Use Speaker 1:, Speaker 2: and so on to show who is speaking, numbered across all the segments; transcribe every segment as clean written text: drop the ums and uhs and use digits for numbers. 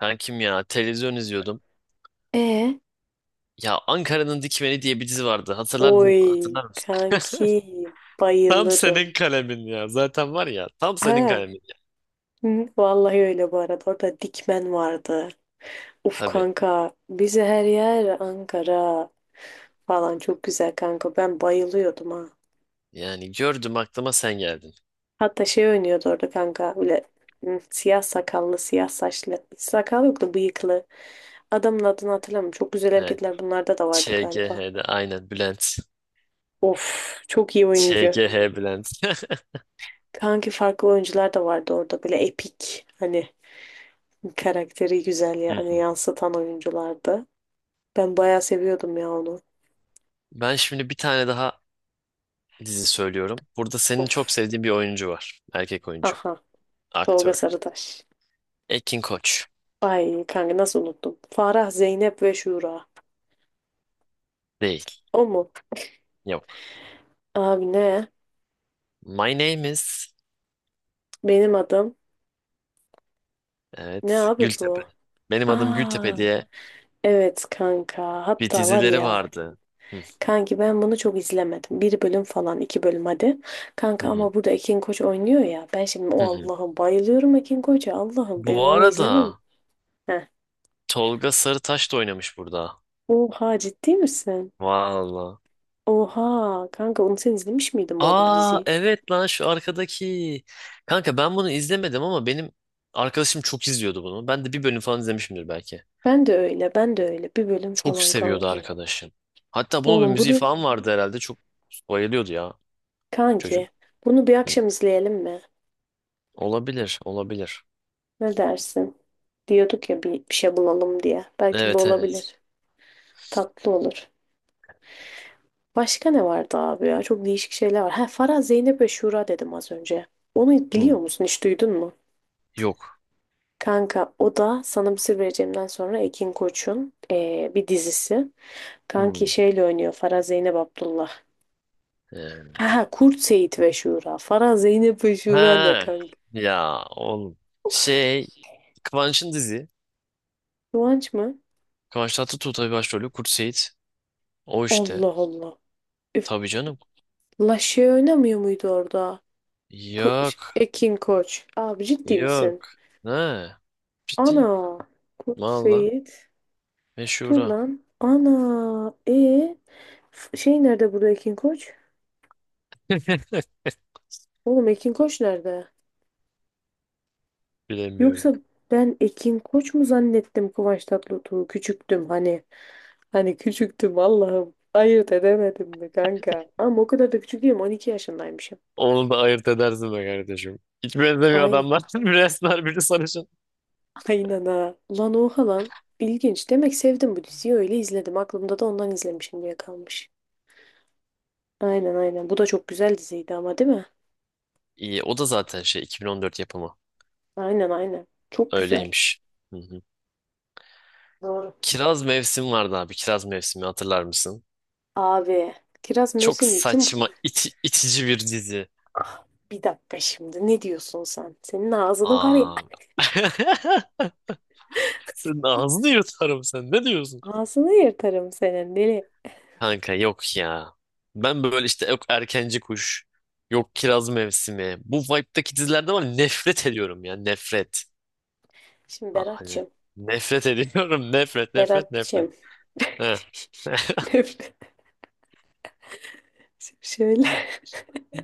Speaker 1: Kankim ya televizyon izliyordum.
Speaker 2: E
Speaker 1: Ya Ankara'nın Dikmeni diye bir dizi vardı. Hatırlardın,
Speaker 2: Oy
Speaker 1: hatırlar mısın?
Speaker 2: kanki
Speaker 1: Tam
Speaker 2: bayılırım.
Speaker 1: senin kalemin ya. Zaten var ya tam senin
Speaker 2: Ha,
Speaker 1: kalemin ya.
Speaker 2: hı, vallahi öyle bu arada. Orada Dikmen vardı. Uf
Speaker 1: Tabii.
Speaker 2: kanka bize her yer Ankara falan çok güzel kanka. Ben bayılıyordum ha.
Speaker 1: Yani gördüm aklıma sen geldin.
Speaker 2: Hatta şey oynuyordu orada kanka böyle hı, siyah sakallı siyah saçlı. Sakal yoktu bıyıklı. Adamın adını hatırlamıyorum. Çok güzel
Speaker 1: Evet.
Speaker 2: hareketler bunlarda da vardı galiba.
Speaker 1: ÇGH'de aynen Bülent.
Speaker 2: Of çok iyi oyuncu.
Speaker 1: ÇGH Bülent.
Speaker 2: Kanki farklı oyuncular da vardı orada böyle epik. Hani karakteri güzel
Speaker 1: Hı
Speaker 2: yani
Speaker 1: hı.
Speaker 2: yansıtan oyunculardı. Ben bayağı seviyordum ya onu.
Speaker 1: Ben şimdi bir tane daha dizi söylüyorum. Burada senin çok
Speaker 2: Of.
Speaker 1: sevdiğin bir oyuncu var. Erkek oyuncu.
Speaker 2: Aha. Tolga
Speaker 1: Aktör.
Speaker 2: Sarıtaş.
Speaker 1: Ekin Koç.
Speaker 2: Ay kanka nasıl unuttum. Farah, Zeynep ve Şura.
Speaker 1: Değil.
Speaker 2: O mu?
Speaker 1: Yok.
Speaker 2: Abi ne?
Speaker 1: My name is...
Speaker 2: Benim adım. Ne
Speaker 1: Evet.
Speaker 2: abi
Speaker 1: Gültepe.
Speaker 2: bu?
Speaker 1: Benim adım
Speaker 2: Aa.
Speaker 1: Gültepe diye
Speaker 2: Evet kanka.
Speaker 1: bir
Speaker 2: Hatta var
Speaker 1: dizileri
Speaker 2: ya.
Speaker 1: vardı. Hı,
Speaker 2: Kanki ben bunu çok izlemedim. Bir bölüm falan, iki bölüm hadi.
Speaker 1: hı,
Speaker 2: Kanka
Speaker 1: hı,
Speaker 2: ama burada Ekin Koç oynuyor ya. Ben şimdi
Speaker 1: hı,
Speaker 2: o
Speaker 1: hı.
Speaker 2: Allah'ım bayılıyorum Ekin Koç'a. Allah'ım benim
Speaker 1: Bu
Speaker 2: onu izlemem.
Speaker 1: arada
Speaker 2: Heh.
Speaker 1: Tolga Sarıtaş da oynamış burada.
Speaker 2: Oha ciddi misin?
Speaker 1: Valla.
Speaker 2: Oha kanka onu sen izlemiş miydin bu arada bu
Speaker 1: Aa
Speaker 2: diziyi?
Speaker 1: evet lan şu arkadaki. Kanka ben bunu izlemedim ama benim arkadaşım çok izliyordu bunu. Ben de bir bölüm falan izlemişimdir belki.
Speaker 2: Ben de öyle ben de öyle bir bölüm
Speaker 1: Çok
Speaker 2: falan
Speaker 1: seviyordu
Speaker 2: kanki.
Speaker 1: arkadaşım. Hatta bunun bir
Speaker 2: Oğlum
Speaker 1: müziği
Speaker 2: bunu
Speaker 1: falan vardı herhalde. Çok bayılıyordu ya çocuk.
Speaker 2: kanki bunu bir
Speaker 1: Hı.
Speaker 2: akşam izleyelim mi?
Speaker 1: Olabilir, olabilir.
Speaker 2: Ne dersin? Diyorduk ya bir şey bulalım diye. Belki bu
Speaker 1: Evet evet.
Speaker 2: olabilir. Tatlı olur. Başka ne vardı abi ya? Çok değişik şeyler var. Ha Farah, Zeynep ve Şura dedim az önce. Onu
Speaker 1: Hı.
Speaker 2: biliyor musun? Hiç duydun mu?
Speaker 1: Yok.
Speaker 2: Kanka o da sana bir sır vereceğimden sonra Ekin Koç'un bir dizisi. Kanki
Speaker 1: Hı.
Speaker 2: şeyle oynuyor Farah Zeynep Abdullah.
Speaker 1: Ee,
Speaker 2: Ha, Kurt Seyit ve Şura. Farah Zeynep ve Şura ne
Speaker 1: Ha
Speaker 2: kanka?
Speaker 1: ya oğlum. Şey Kıvanç'ın dizi.
Speaker 2: Kıvanç mı?
Speaker 1: Kıvanç Tatlıtuğ tabii başrolü. Kurt Seyit. O işte.
Speaker 2: Allah Allah. Üf.
Speaker 1: Tabii canım.
Speaker 2: La şey oynamıyor muydu orada? Ko-
Speaker 1: Yok.
Speaker 2: Ekin Koç. Abi ciddi misin?
Speaker 1: Yok. Ne? Ciddiyim.
Speaker 2: Ana. Kurt
Speaker 1: Valla.
Speaker 2: Seyit. Dur
Speaker 1: Meşhura.
Speaker 2: lan. Ana. Şey nerede burada Ekin Koç? Oğlum Ekin Koç nerede?
Speaker 1: Bilemiyorum.
Speaker 2: Yoksa ben Ekin Koç mu zannettim Kıvanç Tatlıtuğ'u? Küçüktüm hani. Hani küçüktüm Allah'ım. Ayırt edemedim mi kanka? Ama o kadar da küçük değilim. 12 yaşındaymışım.
Speaker 1: Onu da ayırt edersin be kardeşim. Hiç benzemiyor
Speaker 2: Aynen.
Speaker 1: adamlar. Biri esmer, biri sarışın.
Speaker 2: Aynen ha. Lan oha lan. İlginç. Demek sevdim bu diziyi öyle izledim. Aklımda da ondan izlemişim diye kalmış. Aynen, aynen. Bu da çok güzel diziydi ama değil mi?
Speaker 1: İyi, o da zaten şey 2014 yapımı.
Speaker 2: Aynen, aynen. Çok güzel.
Speaker 1: Öyleymiş. Hı hı.
Speaker 2: Doğru.
Speaker 1: Kiraz Mevsim vardı abi. Kiraz Mevsimi hatırlar mısın?
Speaker 2: Abi. Kiraz
Speaker 1: Çok
Speaker 2: mevsimli kim bu?
Speaker 1: saçma, itici bir dizi.
Speaker 2: Bir dakika şimdi. Ne diyorsun sen? Senin ağzını var ya.
Speaker 1: Aa. Senin ağzını yırtarım sen. Ne diyorsun?
Speaker 2: Ağzını yırtarım senin deli.
Speaker 1: Kanka yok ya. Ben böyle işte yok erkenci kuş, yok kiraz mevsimi. Bu vibe'daki dizilerden var ya, nefret ediyorum ya nefret.
Speaker 2: Şimdi
Speaker 1: Ah, hani
Speaker 2: Berat'cığım.
Speaker 1: nefret ediyorum nefret nefret nefret.
Speaker 2: Berat'cığım.
Speaker 1: Heh.
Speaker 2: Nefret. Şöyle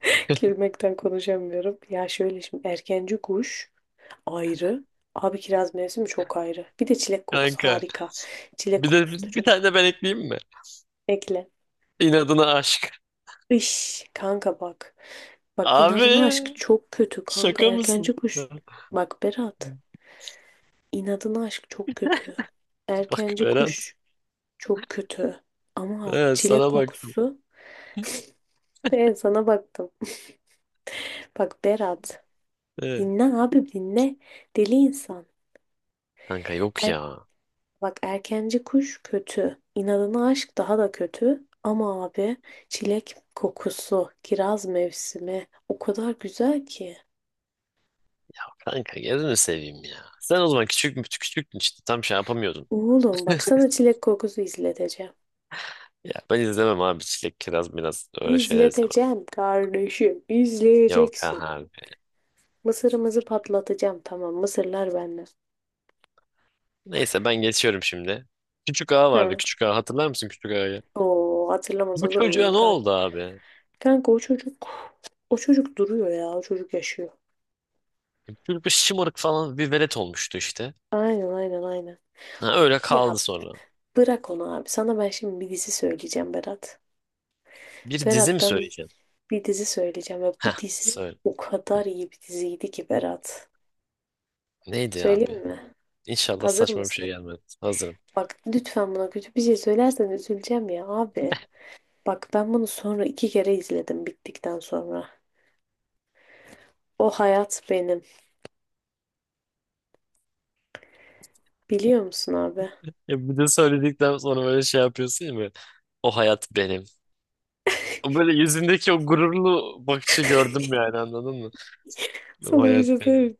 Speaker 2: gülmekten konuşamıyorum. Ya şöyle şimdi erkenci kuş ayrı. Abi kiraz mevsimi çok ayrı. Bir de çilek kokusu
Speaker 1: Kanka
Speaker 2: harika. Çilek
Speaker 1: bir de
Speaker 2: kokusu da
Speaker 1: bir
Speaker 2: çok
Speaker 1: tane de ben ekleyeyim mi?
Speaker 2: ekle.
Speaker 1: İnadına aşk.
Speaker 2: Iş kanka bak. Bak
Speaker 1: Abi
Speaker 2: inadına aşk çok kötü kanka.
Speaker 1: şaka mısın?
Speaker 2: Erkenci kuş. Bak Berat, inadına aşk çok kötü.
Speaker 1: Bak
Speaker 2: Erkenci
Speaker 1: Berat.
Speaker 2: kuş çok kötü. Ama
Speaker 1: Evet,
Speaker 2: çilek
Speaker 1: sana baktım.
Speaker 2: kokusu. Ben sana baktım. Bak Berat.
Speaker 1: Evet.
Speaker 2: Dinle abi dinle. Deli insan.
Speaker 1: Kanka yok ya.
Speaker 2: Bak erkenci kuş kötü. İnadına aşk daha da kötü. Ama abi çilek kokusu, kiraz mevsimi o kadar güzel ki.
Speaker 1: Kanka gözünü seveyim ya. Sen o zaman küçük mü küçüktün işte tam şey yapamıyordun.
Speaker 2: Oğlum bak sana çilek kokusu izleteceğim.
Speaker 1: Ya ben izlemem abi çilek kiraz biraz öyle şeyler izlemem.
Speaker 2: İzleteceğim kardeşim.
Speaker 1: Yok ha
Speaker 2: İzleyeceksin.
Speaker 1: abi.
Speaker 2: Mısırımızı patlatacağım tamam. Mısırlar benden.
Speaker 1: Neyse ben geçiyorum şimdi. Küçük ağa vardı,
Speaker 2: Hı.
Speaker 1: küçük ağa hatırlar mısın, küçük ağayı?
Speaker 2: Oo hatırlamaz
Speaker 1: Bu
Speaker 2: olur
Speaker 1: çocuğa
Speaker 2: muyum
Speaker 1: ne
Speaker 2: kanka?
Speaker 1: oldu abi?
Speaker 2: Kanka o çocuk o çocuk duruyor ya. O çocuk yaşıyor.
Speaker 1: Çocuk bir şımarık falan bir velet olmuştu işte.
Speaker 2: Aynen, aynen, aynen.
Speaker 1: Ha, öyle kaldı
Speaker 2: Ya
Speaker 1: sonra.
Speaker 2: bırak onu abi. Sana ben şimdi bir dizi söyleyeceğim Berat.
Speaker 1: Bir dizi
Speaker 2: Berat
Speaker 1: mi
Speaker 2: ben
Speaker 1: söyleyeceğim?
Speaker 2: bir dizi söyleyeceğim ve bu dizi
Speaker 1: Söyle.
Speaker 2: o kadar iyi bir diziydi ki Berat.
Speaker 1: Neydi abi?
Speaker 2: Söyleyeyim mi?
Speaker 1: İnşallah
Speaker 2: Hazır
Speaker 1: saçma bir şey
Speaker 2: mısın?
Speaker 1: gelmez. Hazırım.
Speaker 2: Bak lütfen buna kötü bir şey söylersen üzüleceğim ya abi. Bak ben bunu sonra iki kere izledim bittikten sonra. O hayat benim. Biliyor musun abi?
Speaker 1: Ya bir de söyledikten sonra böyle şey yapıyorsun ya böyle. O hayat benim. O böyle yüzündeki o gururlu bakışı gördüm yani anladın mı? Bu
Speaker 2: Sana bir
Speaker 1: hayat
Speaker 2: şey söyleyeyim
Speaker 1: benim.
Speaker 2: mi?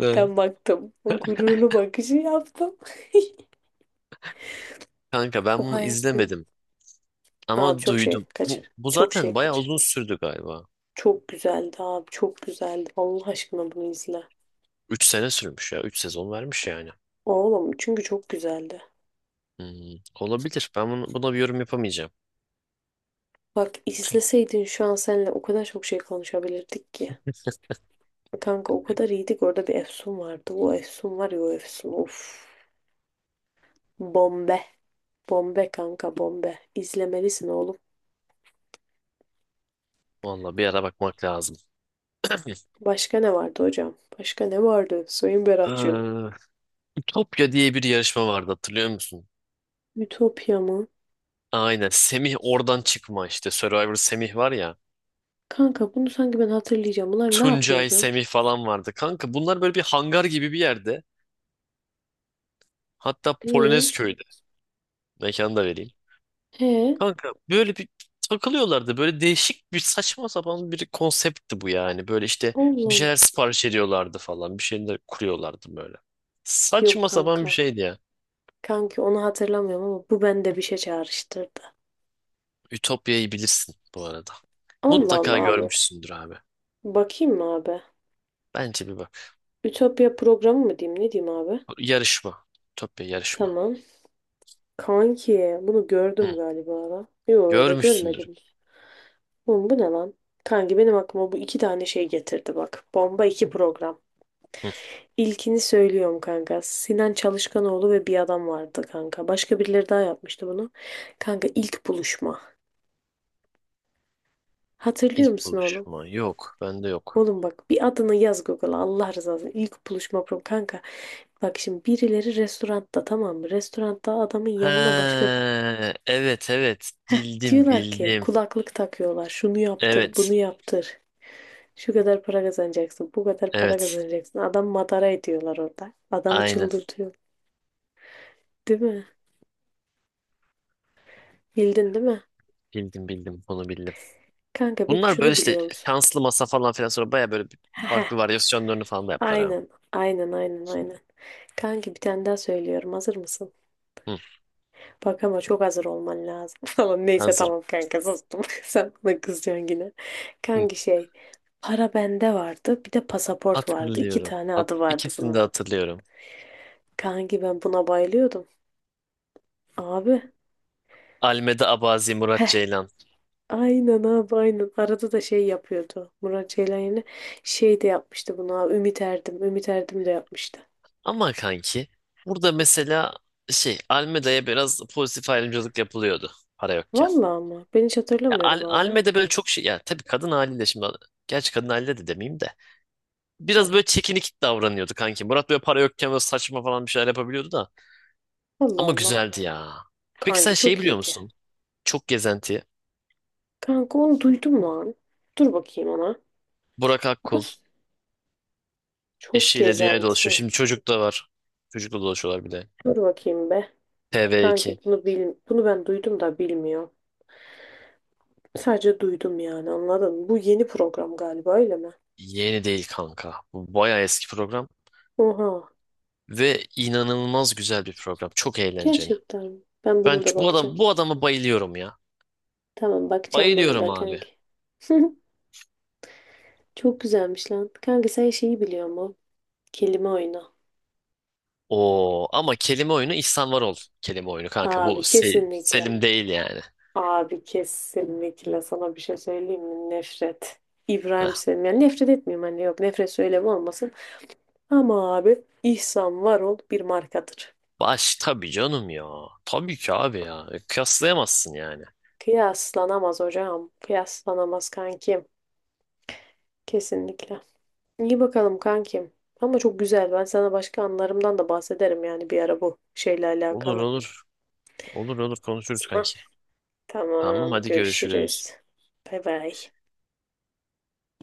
Speaker 1: De.
Speaker 2: baktım. O gururlu bakışı yaptım.
Speaker 1: Kanka ben
Speaker 2: O
Speaker 1: bunu
Speaker 2: hayat benim.
Speaker 1: izlemedim
Speaker 2: Abi
Speaker 1: ama
Speaker 2: çok şey
Speaker 1: duydum.
Speaker 2: kaçır.
Speaker 1: Bu
Speaker 2: Çok
Speaker 1: zaten
Speaker 2: şey
Speaker 1: bayağı
Speaker 2: kaçır.
Speaker 1: uzun sürdü galiba.
Speaker 2: Çok güzeldi abi. Çok güzeldi. Allah aşkına bunu izle.
Speaker 1: 3 sene sürmüş ya, 3 sezon vermiş yani.
Speaker 2: Oğlum çünkü çok güzeldi.
Speaker 1: Hmm, olabilir. Ben buna bir yorum yapamayacağım.
Speaker 2: Bak izleseydin şu an seninle o kadar çok şey konuşabilirdik ki. Kanka o kadar iyiydik orada bir Efsun vardı. O Efsun var ya o Efsun. Of. Bombe. Bombe kanka bombe. İzlemelisin oğlum.
Speaker 1: Vallahi bir ara bakmak lazım.
Speaker 2: Başka ne vardı hocam? Başka ne vardı Sayın Berat'cığım?
Speaker 1: Ee, Ütopya diye bir yarışma vardı, hatırlıyor musun?
Speaker 2: Ütopya mı?
Speaker 1: Aynen. Semih oradan çıkma işte. Survivor Semih var ya.
Speaker 2: Kanka bunu sanki ben hatırlayacağım. Bunlar ne
Speaker 1: Tuncay,
Speaker 2: yapıyordu?
Speaker 1: Semih falan vardı. Kanka bunlar böyle bir hangar gibi bir yerde. Hatta Polonez
Speaker 2: İyi.
Speaker 1: köyde. Mekanı da vereyim.
Speaker 2: He.
Speaker 1: Kanka böyle bir takılıyorlardı. Böyle değişik bir saçma sapan bir konseptti bu yani. Böyle işte bir
Speaker 2: Oğlum.
Speaker 1: şeyler sipariş ediyorlardı falan. Bir şeyler kuruyorlardı böyle.
Speaker 2: Yok
Speaker 1: Saçma sapan
Speaker 2: kanka.
Speaker 1: bir şeydi ya.
Speaker 2: Kanki onu hatırlamıyorum ama bu bende bir şey çağrıştırdı.
Speaker 1: Ütopya'yı bilirsin bu arada.
Speaker 2: Allah
Speaker 1: Mutlaka
Speaker 2: Allah abi.
Speaker 1: görmüşsündür abi.
Speaker 2: Bakayım mı abi?
Speaker 1: Bence bir bak.
Speaker 2: Ütopya programı mı diyeyim ne diyeyim abi?
Speaker 1: Yarışma. Ütopya yarışma.
Speaker 2: Tamam. Kanki bunu
Speaker 1: Hı.
Speaker 2: gördüm galiba lan. Yo ya da
Speaker 1: Görmüşsündür.
Speaker 2: görmedim. Oğlum bu ne lan? Kanki benim aklıma bu iki tane şey getirdi bak. Bomba iki program.
Speaker 1: Hı.
Speaker 2: İlkini söylüyorum kanka. Sinan Çalışkanoğlu ve bir adam vardı kanka. Başka birileri daha yapmıştı bunu. Kanka ilk buluşma. Hatırlıyor
Speaker 1: İlk
Speaker 2: musun oğlum?
Speaker 1: buluşma. Yok. Bende yok.
Speaker 2: Oğlum bak bir adını yaz Google'a Allah razı olsun. İlk buluşma programı kanka. Bak şimdi birileri restoranda tamam mı? Restoranda adamın
Speaker 1: He,
Speaker 2: yanına başka
Speaker 1: evet evet.
Speaker 2: heh,
Speaker 1: Bildim
Speaker 2: diyorlar ki
Speaker 1: bildim.
Speaker 2: kulaklık takıyorlar. Şunu yaptır,
Speaker 1: Evet.
Speaker 2: bunu yaptır. Şu kadar para kazanacaksın, bu kadar para
Speaker 1: Evet.
Speaker 2: kazanacaksın. Adam madara ediyorlar orada. Adamı
Speaker 1: Aynen.
Speaker 2: çıldırtıyor. Değil mi? Bildin değil mi?
Speaker 1: Bildim bildim. Bunu bildim.
Speaker 2: Kanka peki
Speaker 1: Bunlar böyle
Speaker 2: şunu
Speaker 1: işte
Speaker 2: biliyor musun?
Speaker 1: şanslı masa falan filan, sonra baya böyle bir
Speaker 2: Heh,
Speaker 1: farklı varyasyonlarını falan da yaptılar ha.
Speaker 2: aynen, aynen, aynen, aynen. Kanki bir tane daha söylüyorum. Hazır mısın?
Speaker 1: Hı,
Speaker 2: Bak ama çok hazır olman lazım falan. Neyse
Speaker 1: hazırım.
Speaker 2: tamam kanka sustum. Sen bana kızacaksın yine.
Speaker 1: Hı,
Speaker 2: Kanki para bende vardı. Bir de pasaport vardı. İki
Speaker 1: hatırlıyorum.
Speaker 2: tane adı vardı
Speaker 1: İkisini de
Speaker 2: bunun.
Speaker 1: hatırlıyorum.
Speaker 2: Kanki ben buna bayılıyordum. Abi.
Speaker 1: Almeda Abazi, Murat
Speaker 2: Heh.
Speaker 1: Ceylan.
Speaker 2: Aynen abi aynen. Arada da şey yapıyordu. Murat Ceylan yine şey de yapmıştı bunu abi. Ümit Erdim. Ümit Erdim de yapmıştı.
Speaker 1: Ama kanki burada mesela şey Almeda'ya biraz pozitif ayrımcılık yapılıyordu para yokken.
Speaker 2: Vallahi ama ben hiç
Speaker 1: Ya,
Speaker 2: hatırlamıyorum abi.
Speaker 1: Almeda böyle çok şey ya tabii kadın haliyle şimdi, gerçi kadın haliyle de demeyeyim de
Speaker 2: Heh.
Speaker 1: biraz böyle çekinik davranıyordu kanki. Murat böyle para yokken böyle saçma falan bir şeyler yapabiliyordu da.
Speaker 2: Allah
Speaker 1: Ama
Speaker 2: Allah.
Speaker 1: güzeldi ya. Peki sen
Speaker 2: Kanki
Speaker 1: şey
Speaker 2: çok
Speaker 1: biliyor
Speaker 2: iyiydi.
Speaker 1: musun? Çok gezenti.
Speaker 2: Kanka onu duydum lan. Dur bakayım ona.
Speaker 1: Burak Akkul
Speaker 2: Nasıl? Çok
Speaker 1: eşiyle dünyayı dolaşıyor.
Speaker 2: gezenti.
Speaker 1: Şimdi çocuk da var. Çocukla dolaşıyorlar bir de.
Speaker 2: Dur bakayım be.
Speaker 1: TV2.
Speaker 2: Kanki bunu bil bunu ben duydum da bilmiyorum. Sadece duydum yani anladın mı? Bu yeni program galiba öyle mi?
Speaker 1: Yeni değil kanka. Bu bayağı eski program.
Speaker 2: Oha.
Speaker 1: Ve inanılmaz güzel bir program. Çok eğlenceli.
Speaker 2: Gerçekten mi? Ben
Speaker 1: Ben
Speaker 2: buna da bakacağım.
Speaker 1: bu adama bayılıyorum ya.
Speaker 2: Tamam bakacağım buna
Speaker 1: Bayılıyorum
Speaker 2: da
Speaker 1: abi.
Speaker 2: kanki. Çok güzelmiş lan. Kanka sen şeyi biliyor mu? Kelime oyunu.
Speaker 1: Oo ama kelime oyunu İhsan Varol kelime oyunu kanka. Bu
Speaker 2: Abi kesinlikle.
Speaker 1: Selim değil yani.
Speaker 2: Abi kesinlikle sana bir şey söyleyeyim mi? Nefret.
Speaker 1: Heh.
Speaker 2: İbrahim Selim. Yani nefret etmiyorum hani yok nefret söylevi olmasın. Ama abi İhsan Varol bir markadır.
Speaker 1: Baş tabii canım ya. Tabii ki abi ya. Kıyaslayamazsın yani.
Speaker 2: Kıyaslanamaz hocam. Kıyaslanamaz kankim. Kesinlikle. İyi bakalım kankim. Ama çok güzel. Ben sana başka anılarımdan da bahsederim yani bir ara bu şeyle
Speaker 1: Olur
Speaker 2: alakalı.
Speaker 1: olur. Olur olur konuşuruz
Speaker 2: Hah,
Speaker 1: kanki. Tamam
Speaker 2: tamam,
Speaker 1: hadi görüşürüz.
Speaker 2: görüşürüz. Bay bay.